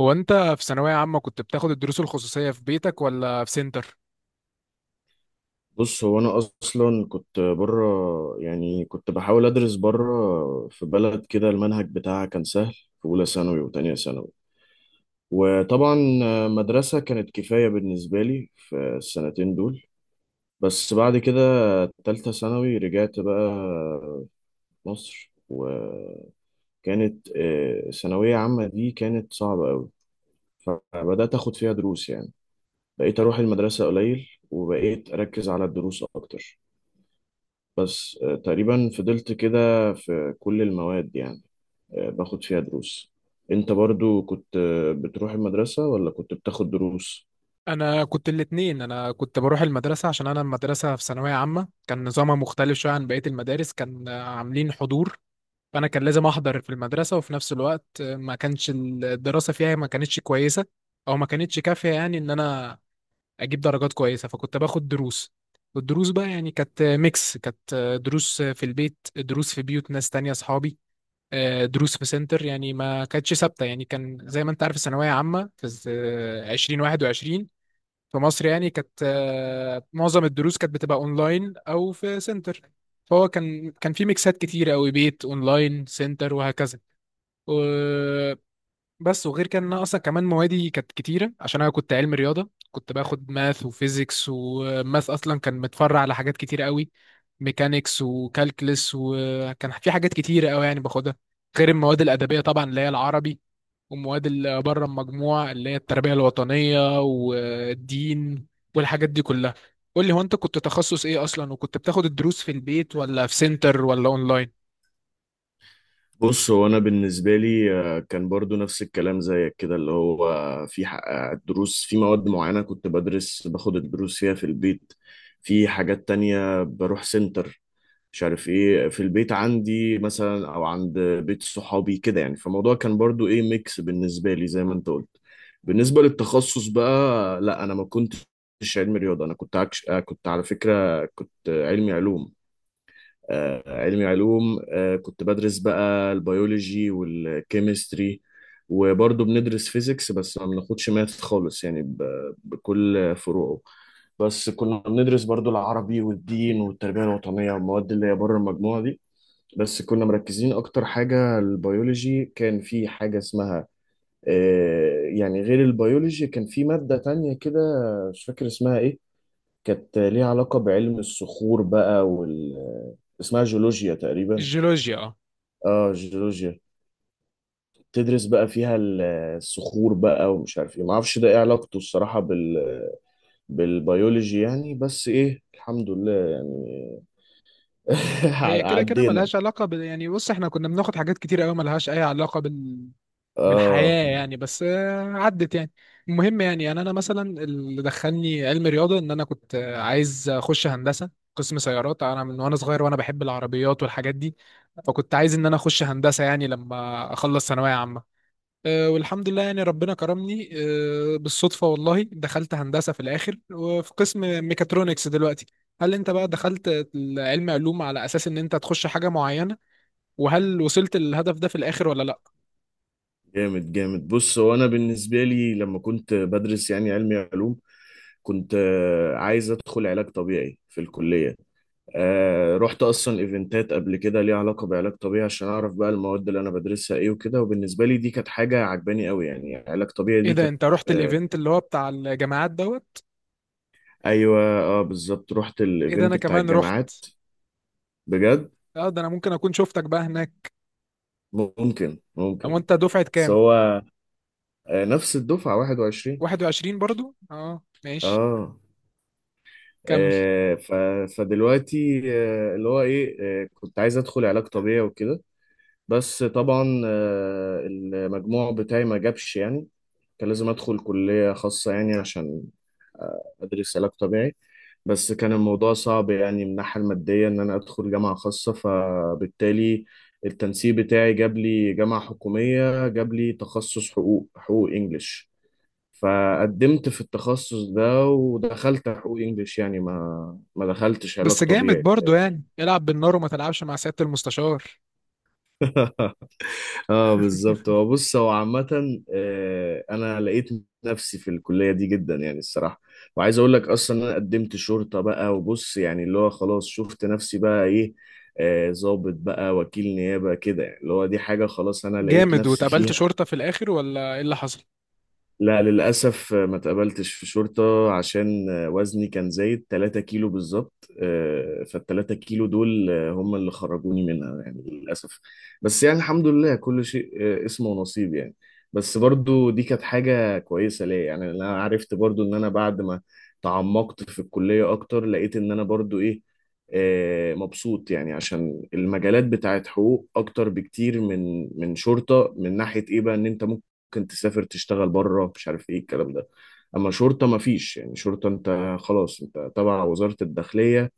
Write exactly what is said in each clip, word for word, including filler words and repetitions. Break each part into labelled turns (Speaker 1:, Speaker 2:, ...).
Speaker 1: هو انت في ثانوية عامة كنت بتاخد الدروس الخصوصية في بيتك ولا في سنتر؟
Speaker 2: بص، هو انا اصلا كنت بره. يعني كنت بحاول ادرس بره في بلد كده، المنهج بتاعها كان سهل في اولى ثانوي وتانية ثانوي، وطبعا مدرسة كانت كفاية بالنسبة لي في السنتين دول. بس بعد كده تالتة ثانوي رجعت بقى مصر، وكانت آه، ثانوية عامة دي كانت صعبة قوي. فبدأت اخد فيها دروس يعني، بقيت اروح المدرسة قليل وبقيت اركز على الدروس اكتر. بس آه، تقريبا فضلت كده في كل المواد يعني، آه، باخد فيها دروس. انت برضو كنت آه، بتروح المدرسة ولا كنت بتاخد دروس؟
Speaker 1: انا كنت الاتنين، انا كنت بروح المدرسة عشان انا المدرسة في ثانوية عامة كان نظامها مختلف شوية عن بقية المدارس، كان عاملين حضور. فانا كان لازم احضر في المدرسة، وفي نفس الوقت ما كانش الدراسة فيها، ما كانتش كويسة او ما كانتش كافية يعني ان انا اجيب درجات كويسة، فكنت باخد دروس. والدروس بقى يعني كانت ميكس، كانت دروس في البيت، دروس في بيوت ناس تانية اصحابي، آه، دروس في سنتر، يعني ما كانتش ثابته. يعني كان زي ما انت عارف الثانويه عامه في الز- آه، ألفين وواحد وعشرين في مصر، يعني كانت آه، معظم الدروس كانت بتبقى اونلاين او في سنتر. فهو كان كان في ميكسات كتير قوي، بيت اونلاين سنتر وهكذا. بس وغير كده ان انا اصلا كمان موادي كانت كتيره عشان انا كنت علم رياضه، كنت باخد ماث وفيزيكس، وماث اصلا كان متفرع على حاجات كتيره قوي، ميكانيكس وكالكلس، وكان في حاجات كتيره قوي يعني باخدها، غير المواد الادبيه طبعا اللي هي العربي، ومواد اللي بره المجموع اللي هي التربيه الوطنيه والدين والحاجات دي كلها. قول لي هو انت كنت تخصص ايه اصلا، وكنت بتاخد الدروس في البيت ولا في سنتر ولا اونلاين؟
Speaker 2: بص، هو انا بالنسبة لي آه، كان برضو نفس الكلام زيك كده. اللي هو في ح- آه، دروس في مواد معينة كنت بدرس باخد الدروس فيها في البيت. في حاجات تانية بروح سنتر، مش عارف ايه، في البيت عندي مثلا او عند بيت صحابي كده، يعني فالموضوع كان برضو ايه، ميكس بالنسبة لي زي ما انت قلت. بالنسبة للتخصص بقى، لا، انا ما كنتش علمي رياضة. انا كنت عكش... آه، كنت على فكرة كنت علمي علوم. آه، علمي علوم آه، كنت بدرس بقى البيولوجي والكيمستري، وبرضه بندرس فيزيكس بس ما بناخدش ماث خالص، يعني ب... بكل فروعه. بس كنا بندرس برضه العربي والدين والتربية الوطنية والمواد اللي هي بره المجموعة دي. بس كنا مركزين اكتر حاجه البيولوجي. كان في حاجه اسمها، آه، يعني غير البيولوجي كان في ماده تانية كده، مش فاكر اسمها ايه. كانت ليها علاقه بعلم الصخور بقى، وال اسمها جيولوجيا تقريبا.
Speaker 1: الجيولوجيا آه.
Speaker 2: اه، جيولوجيا. تدرس بقى فيها ال- الصخور بقى، ومش عارف ايه، ما اعرفش ده ايه علاقته الصراحه بال بالبيولوجي يعني. بس ايه، الحمد لله يعني.
Speaker 1: هي كده كده
Speaker 2: عدينا.
Speaker 1: ملهاش علاقة بال... يعني بص احنا كنا بناخد حاجات كتير قوي ملهاش أي علاقة بال...
Speaker 2: اه،
Speaker 1: بالحياة يعني. بس آه، عدت يعني. المهم، يعني أنا أنا مثلا اللي دخلني علم رياضة إن أنا كنت آه، عايز أخش هندسة قسم سيارات. أنا من وأنا صغير وأنا بحب العربيات والحاجات دي، فكنت عايز إن أنا أخش هندسة يعني لما أخلص ثانوية عامة. آه، والحمد لله يعني ربنا كرمني، آه، بالصدفة والله دخلت هندسة في الآخر، وفي قسم ميكاترونكس دلوقتي. هل أنت بقى دخلت علم علوم على أساس إن أنت تخش حاجة معينة، وهل وصلت للهدف ده في الآخر ولا لأ؟
Speaker 2: جامد جامد. بص، هو انا بالنسبه لي لما كنت بدرس يعني علمي علوم كنت آه، عايز ادخل علاج طبيعي في الكليه. آه، رحت اصلا ايفنتات قبل كده ليها علاقه بعلاج طبيعي، عشان اعرف بقى المواد اللي انا بدرسها ايه وكده. وبالنسبه لي دي كانت حاجه عجباني قوي يعني يعني علاج طبيعي
Speaker 1: إيه
Speaker 2: دي
Speaker 1: ده،
Speaker 2: كانت
Speaker 1: أنت رحت
Speaker 2: آه،
Speaker 1: الإيفنت اللي هو بتاع الجامعات دوت؟
Speaker 2: ايوه، اه، بالظبط. رحت
Speaker 1: إيه ده، أنا
Speaker 2: الايفنت بتاع
Speaker 1: كمان رحت؟
Speaker 2: الجامعات. بجد.
Speaker 1: أه ده أنا ممكن أكون شفتك بقى هناك.
Speaker 2: ممكن،
Speaker 1: أو
Speaker 2: ممكن.
Speaker 1: أنت دفعة
Speaker 2: بس
Speaker 1: كام؟
Speaker 2: هو آه، نفس الدفعه واحد وعشرين.
Speaker 1: واحد وعشرين برضو؟ أه ماشي،
Speaker 2: اه.
Speaker 1: كمل.
Speaker 2: آه، ف- فدلوقتي آه، اللي هو ايه آه، كنت عايز ادخل علاج طبيعي وكده. بس طبعا آه، المجموع بتاعي ما جابش يعني، كان لازم ادخل كلية خاصة يعني عشان ادرس علاج طبيعي. بس كان الموضوع صعب يعني من الناحية المادية ان انا ادخل جامعة خاصة، فبالتالي التنسيق بتاعي جاب لي جامعة حكومية، جاب لي تخصص حقوق، حقوق انجليش. فقدمت في التخصص ده ودخلت حقوق انجليش، يعني ما ما دخلتش علاج
Speaker 1: بس جامد
Speaker 2: طبيعي.
Speaker 1: برضو، يعني العب بالنار وما تلعبش مع سيادة المستشار.
Speaker 2: اه بالظبط. هو بص، هو عامة آه، انا لقيت نفسي في الكلية دي جدا يعني الصراحة. وعايز اقول لك اصلا إن انا قدمت شرطة بقى. وبص يعني، اللي هو خلاص شفت نفسي بقى ايه، آه، ضابط بقى، وكيل نيابة كده، يعني اللي هو دي حاجة خلاص انا لقيت
Speaker 1: جامد،
Speaker 2: نفسي
Speaker 1: واتقابلت
Speaker 2: فيها.
Speaker 1: شرطة في الآخر ولا إيه اللي حصل؟
Speaker 2: لا، للأسف ما تقبلتش في شرطة، عشان وزني كان زايد 3 كيلو بالظبط. آه، فالتلاتة كيلو دول آه، هم اللي خرجوني منها يعني، للأسف. بس يعني الحمد لله، كل شيء آه، اسمه ونصيب يعني. بس برضو دي كانت حاجة كويسة ليا، يعني أنا عرفت برضو إن أنا بعد ما تعمقت في الكلية أكتر لقيت إن أنا برضو إيه، آه، مبسوط يعني. عشان المجالات بتاعت حقوق أكتر بكتير من من شرطة، من ناحية إيه بقى إن أنت ممكن تسافر تشتغل بره، مش عارف ايه الكلام ده. اما شرطة ما فيش يعني. شرطة انت خلاص انت تبع وزارة الداخلية،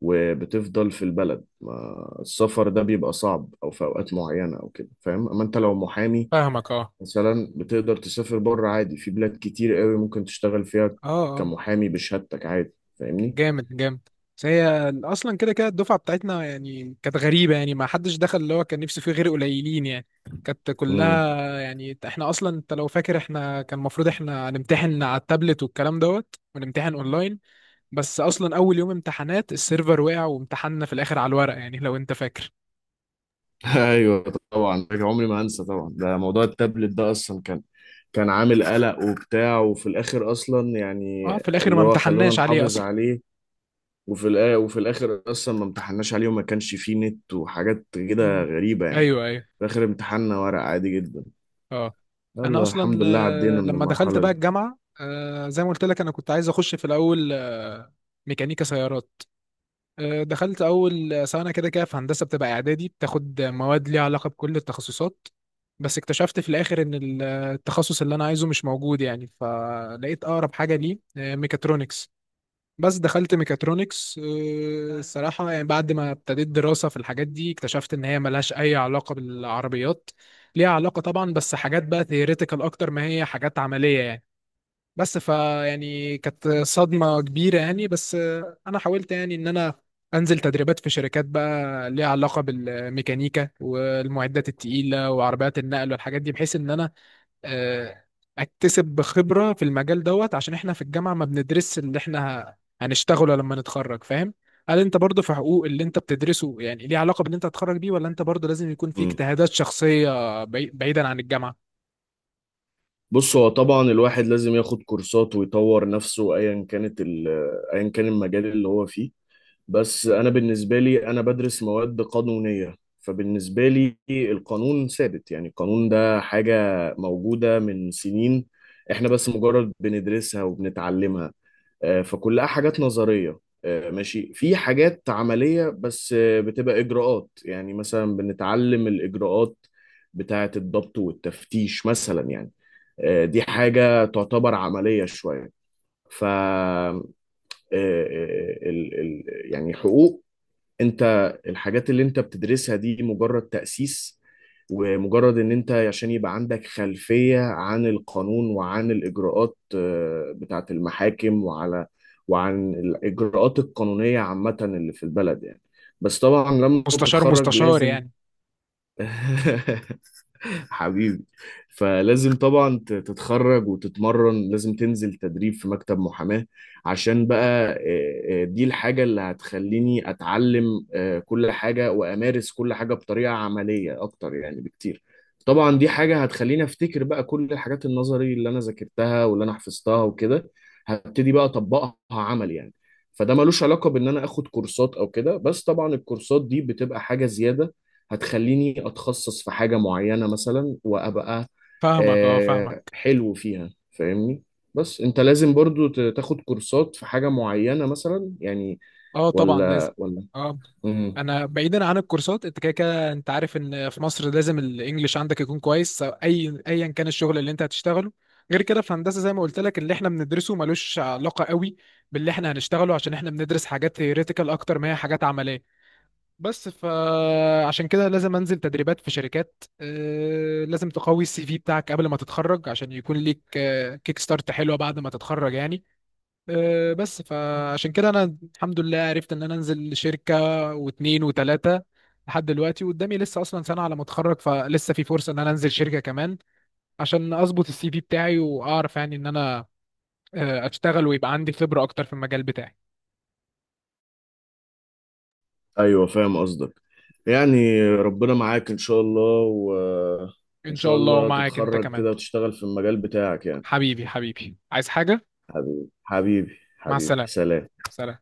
Speaker 2: وبتفضل في البلد، ما السفر ده بيبقى صعب او في اوقات معينة او كده، فاهم؟ اما انت لو محامي
Speaker 1: فاهمك، أه.
Speaker 2: مثلا بتقدر تسافر بره عادي، في بلاد كتير قوي ممكن تشتغل فيها
Speaker 1: أه. أه
Speaker 2: كمحامي بشهادتك عادي، فاهمني.
Speaker 1: جامد جامد. بس هي أصلا كده كده الدفعة بتاعتنا يعني كانت غريبة، يعني ما حدش دخل اللي هو كان نفسه فيه غير قليلين يعني. كانت كلها يعني، إحنا أصلا أنت لو فاكر إحنا كان المفروض إحنا هنمتحن على التابلت والكلام دوت، ونمتحن أونلاين. بس أصلا أول يوم امتحانات السيرفر وقع، وامتحنا في الآخر على الورق يعني لو أنت فاكر.
Speaker 2: ايوه. طبعا ده عمري ما انسى. طبعا ده موضوع التابلت ده اصلا كان كان عامل قلق وبتاع، وفي الاخر اصلا يعني،
Speaker 1: أه في الآخر ما
Speaker 2: اللي هو خلونا
Speaker 1: امتحناش عليه
Speaker 2: نحافظ
Speaker 1: أصلا.
Speaker 2: عليه. وفي الآ- وفي الاخر اصلا ما امتحناش عليه، وما كانش فيه نت وحاجات كده
Speaker 1: أمم.
Speaker 2: غريبة يعني.
Speaker 1: أيوه أيوه.
Speaker 2: في الاخر امتحاننا ورق عادي جدا.
Speaker 1: اه، انا
Speaker 2: يلا،
Speaker 1: اصلا
Speaker 2: الحمد لله
Speaker 1: آه،
Speaker 2: عدينا من
Speaker 1: لما دخلت
Speaker 2: المرحلة
Speaker 1: بقى
Speaker 2: دي.
Speaker 1: الجامعه، آه، زي ما قلت لك انا كنت عايز اخش في الاول آه، ميكانيكا سيارات. آه، دخلت اول سنه، كده كده في هندسه بتبقى اعدادي بتاخد مواد ليها علاقه بكل التخصصات. بس اكتشفت في الاخر ان ال- التخصص اللي انا عايزه مش موجود يعني، فلقيت اقرب حاجه ليه آه، ميكاترونكس. بس دخلت ميكاترونكس، آه، آه. الصراحة يعني بعد ما ابتديت دراسة في الحاجات دي اكتشفت إن هي ملهاش أي علاقة بالعربيات. ليها علاقة طبعا، بس حاجات بقى ثيوريتيكال أكتر ما هي حاجات عملية يعني. بس فا يعني كانت صدمة كبيرة يعني. بس آه، أنا حاولت يعني إن أنا أنزل تدريبات في شركات بقى ليها علاقة بالميكانيكا والمعدات التقيلة وعربيات النقل والحاجات دي، بحيث إن أنا آه، اكتسب خبرة في المجال دوت، عشان احنا في الجامعة ما بندرسش اللي احنا ه- هنشتغله لما نتخرج، فاهم؟ هل انت برضو في حقوق اللي انت بتدرسه يعني ليه علاقة باللي انت هتخرج بيه، ولا انت برضو لازم يكون في
Speaker 2: مم.
Speaker 1: اجتهادات شخصية بعي- بعيدا عن الجامعة؟
Speaker 2: بص، هو طبعا الواحد لازم ياخد كورسات ويطور نفسه، ايا كانت ال- ايا كان المجال اللي هو فيه. بس انا بالنسبه لي انا بدرس مواد قانونيه. فبالنسبه لي القانون ثابت، يعني القانون ده حاجه موجوده من سنين، احنا بس مجرد بندرسها وبنتعلمها. آه، فكلها حاجات نظريه. آه، ماشي، في حاجات عمليه بس، آه، بتبقى اجراءات، يعني مثلا بنتعلم الاجراءات بتاعه الضبط والتفتيش مثلا يعني. آه، دي حاجه تعتبر عمليه شويه. ف آه، آه، آه، ال- ال- يعني حقوق، انت الحاجات اللي انت بتدرسها دي مجرد تأسيس. ومجرد ان انت عشان يبقى عندك خلفية عن القانون وعن الاجراءات آه، بتاعة المحاكم، وعلى وعن الاجراءات القانونية عامة اللي في البلد يعني. بس طبعا لما
Speaker 1: مستشار
Speaker 2: تتخرج
Speaker 1: مستشار
Speaker 2: لازم
Speaker 1: يعني.
Speaker 2: حبيبي. فلازم طبعا ت- تتخرج وتتمرن، لازم تنزل تدريب في مكتب محاماة. عشان بقى آه، آه، دي الحاجة اللي هتخليني أتعلم آه، كل حاجة وأمارس كل حاجة بطريقة عملية أكتر يعني بكتير. طبعا دي حاجة هتخليني أفتكر بقى كل الحاجات النظري اللي أنا ذاكرتها واللي أنا حفظتها وكده. هبتدي بقى أطبقها عمل يعني. فده ملوش علاقة بإن أنا آخد كورسات أو كده، بس طبعا الكورسات دي بتبقى حاجة زيادة، هتخليني اتخصص في حاجة معينة مثلا وابقى
Speaker 1: فاهمك، اه
Speaker 2: آه،
Speaker 1: فاهمك.
Speaker 2: حلو فيها، فاهمني. بس انت لازم برضو ت- تاخد كورسات في حاجة معينة مثلا يعني،
Speaker 1: اه طبعا لازم.
Speaker 2: ولا ولا؟
Speaker 1: اه.
Speaker 2: مم.
Speaker 1: انا بعيدا عن الكورسات، انت كده كده انت عارف ان في مصر لازم الانجليش عندك يكون كويس سواء اي ايا كان الشغل اللي انت هتشتغله. غير كده في هندسه زي ما قلت لك اللي احنا بندرسه ملوش علاقه قوي باللي احنا هنشتغله، عشان احنا بندرس حاجات ثيوريتيكال اكتر ما هي حاجات عمليه. بس فعشان كده لازم انزل تدريبات في شركات، آه، لازم تقوي السي في بتاعك قبل ما تتخرج، عشان يكون ليك آه، كيك ستارت حلوه بعد ما تتخرج يعني. آه، بس فعشان كده انا الحمد لله عرفت ان انا انزل شركة واتنين وتلاتة لحد دلوقتي، وقدامي لسه اصلا سنة على ما اتخرج، فلسه في فرصة ان انا انزل شركة كمان عشان اظبط السي في بتاعي، واعرف يعني ان انا آه، اشتغل ويبقى عندي خبرة اكتر في المجال بتاعي.
Speaker 2: ايوه فاهم قصدك. يعني ربنا معاك ان شاء الله، وان
Speaker 1: ان شاء
Speaker 2: شاء
Speaker 1: الله،
Speaker 2: الله
Speaker 1: ومعاك انت
Speaker 2: تتخرج
Speaker 1: كمان.
Speaker 2: كده وتشتغل في المجال بتاعك يعني.
Speaker 1: حبيبي حبيبي، عايز حاجة؟
Speaker 2: حبيبي حبيبي
Speaker 1: مع
Speaker 2: حبيبي،
Speaker 1: السلامة.
Speaker 2: سلام.
Speaker 1: سلام.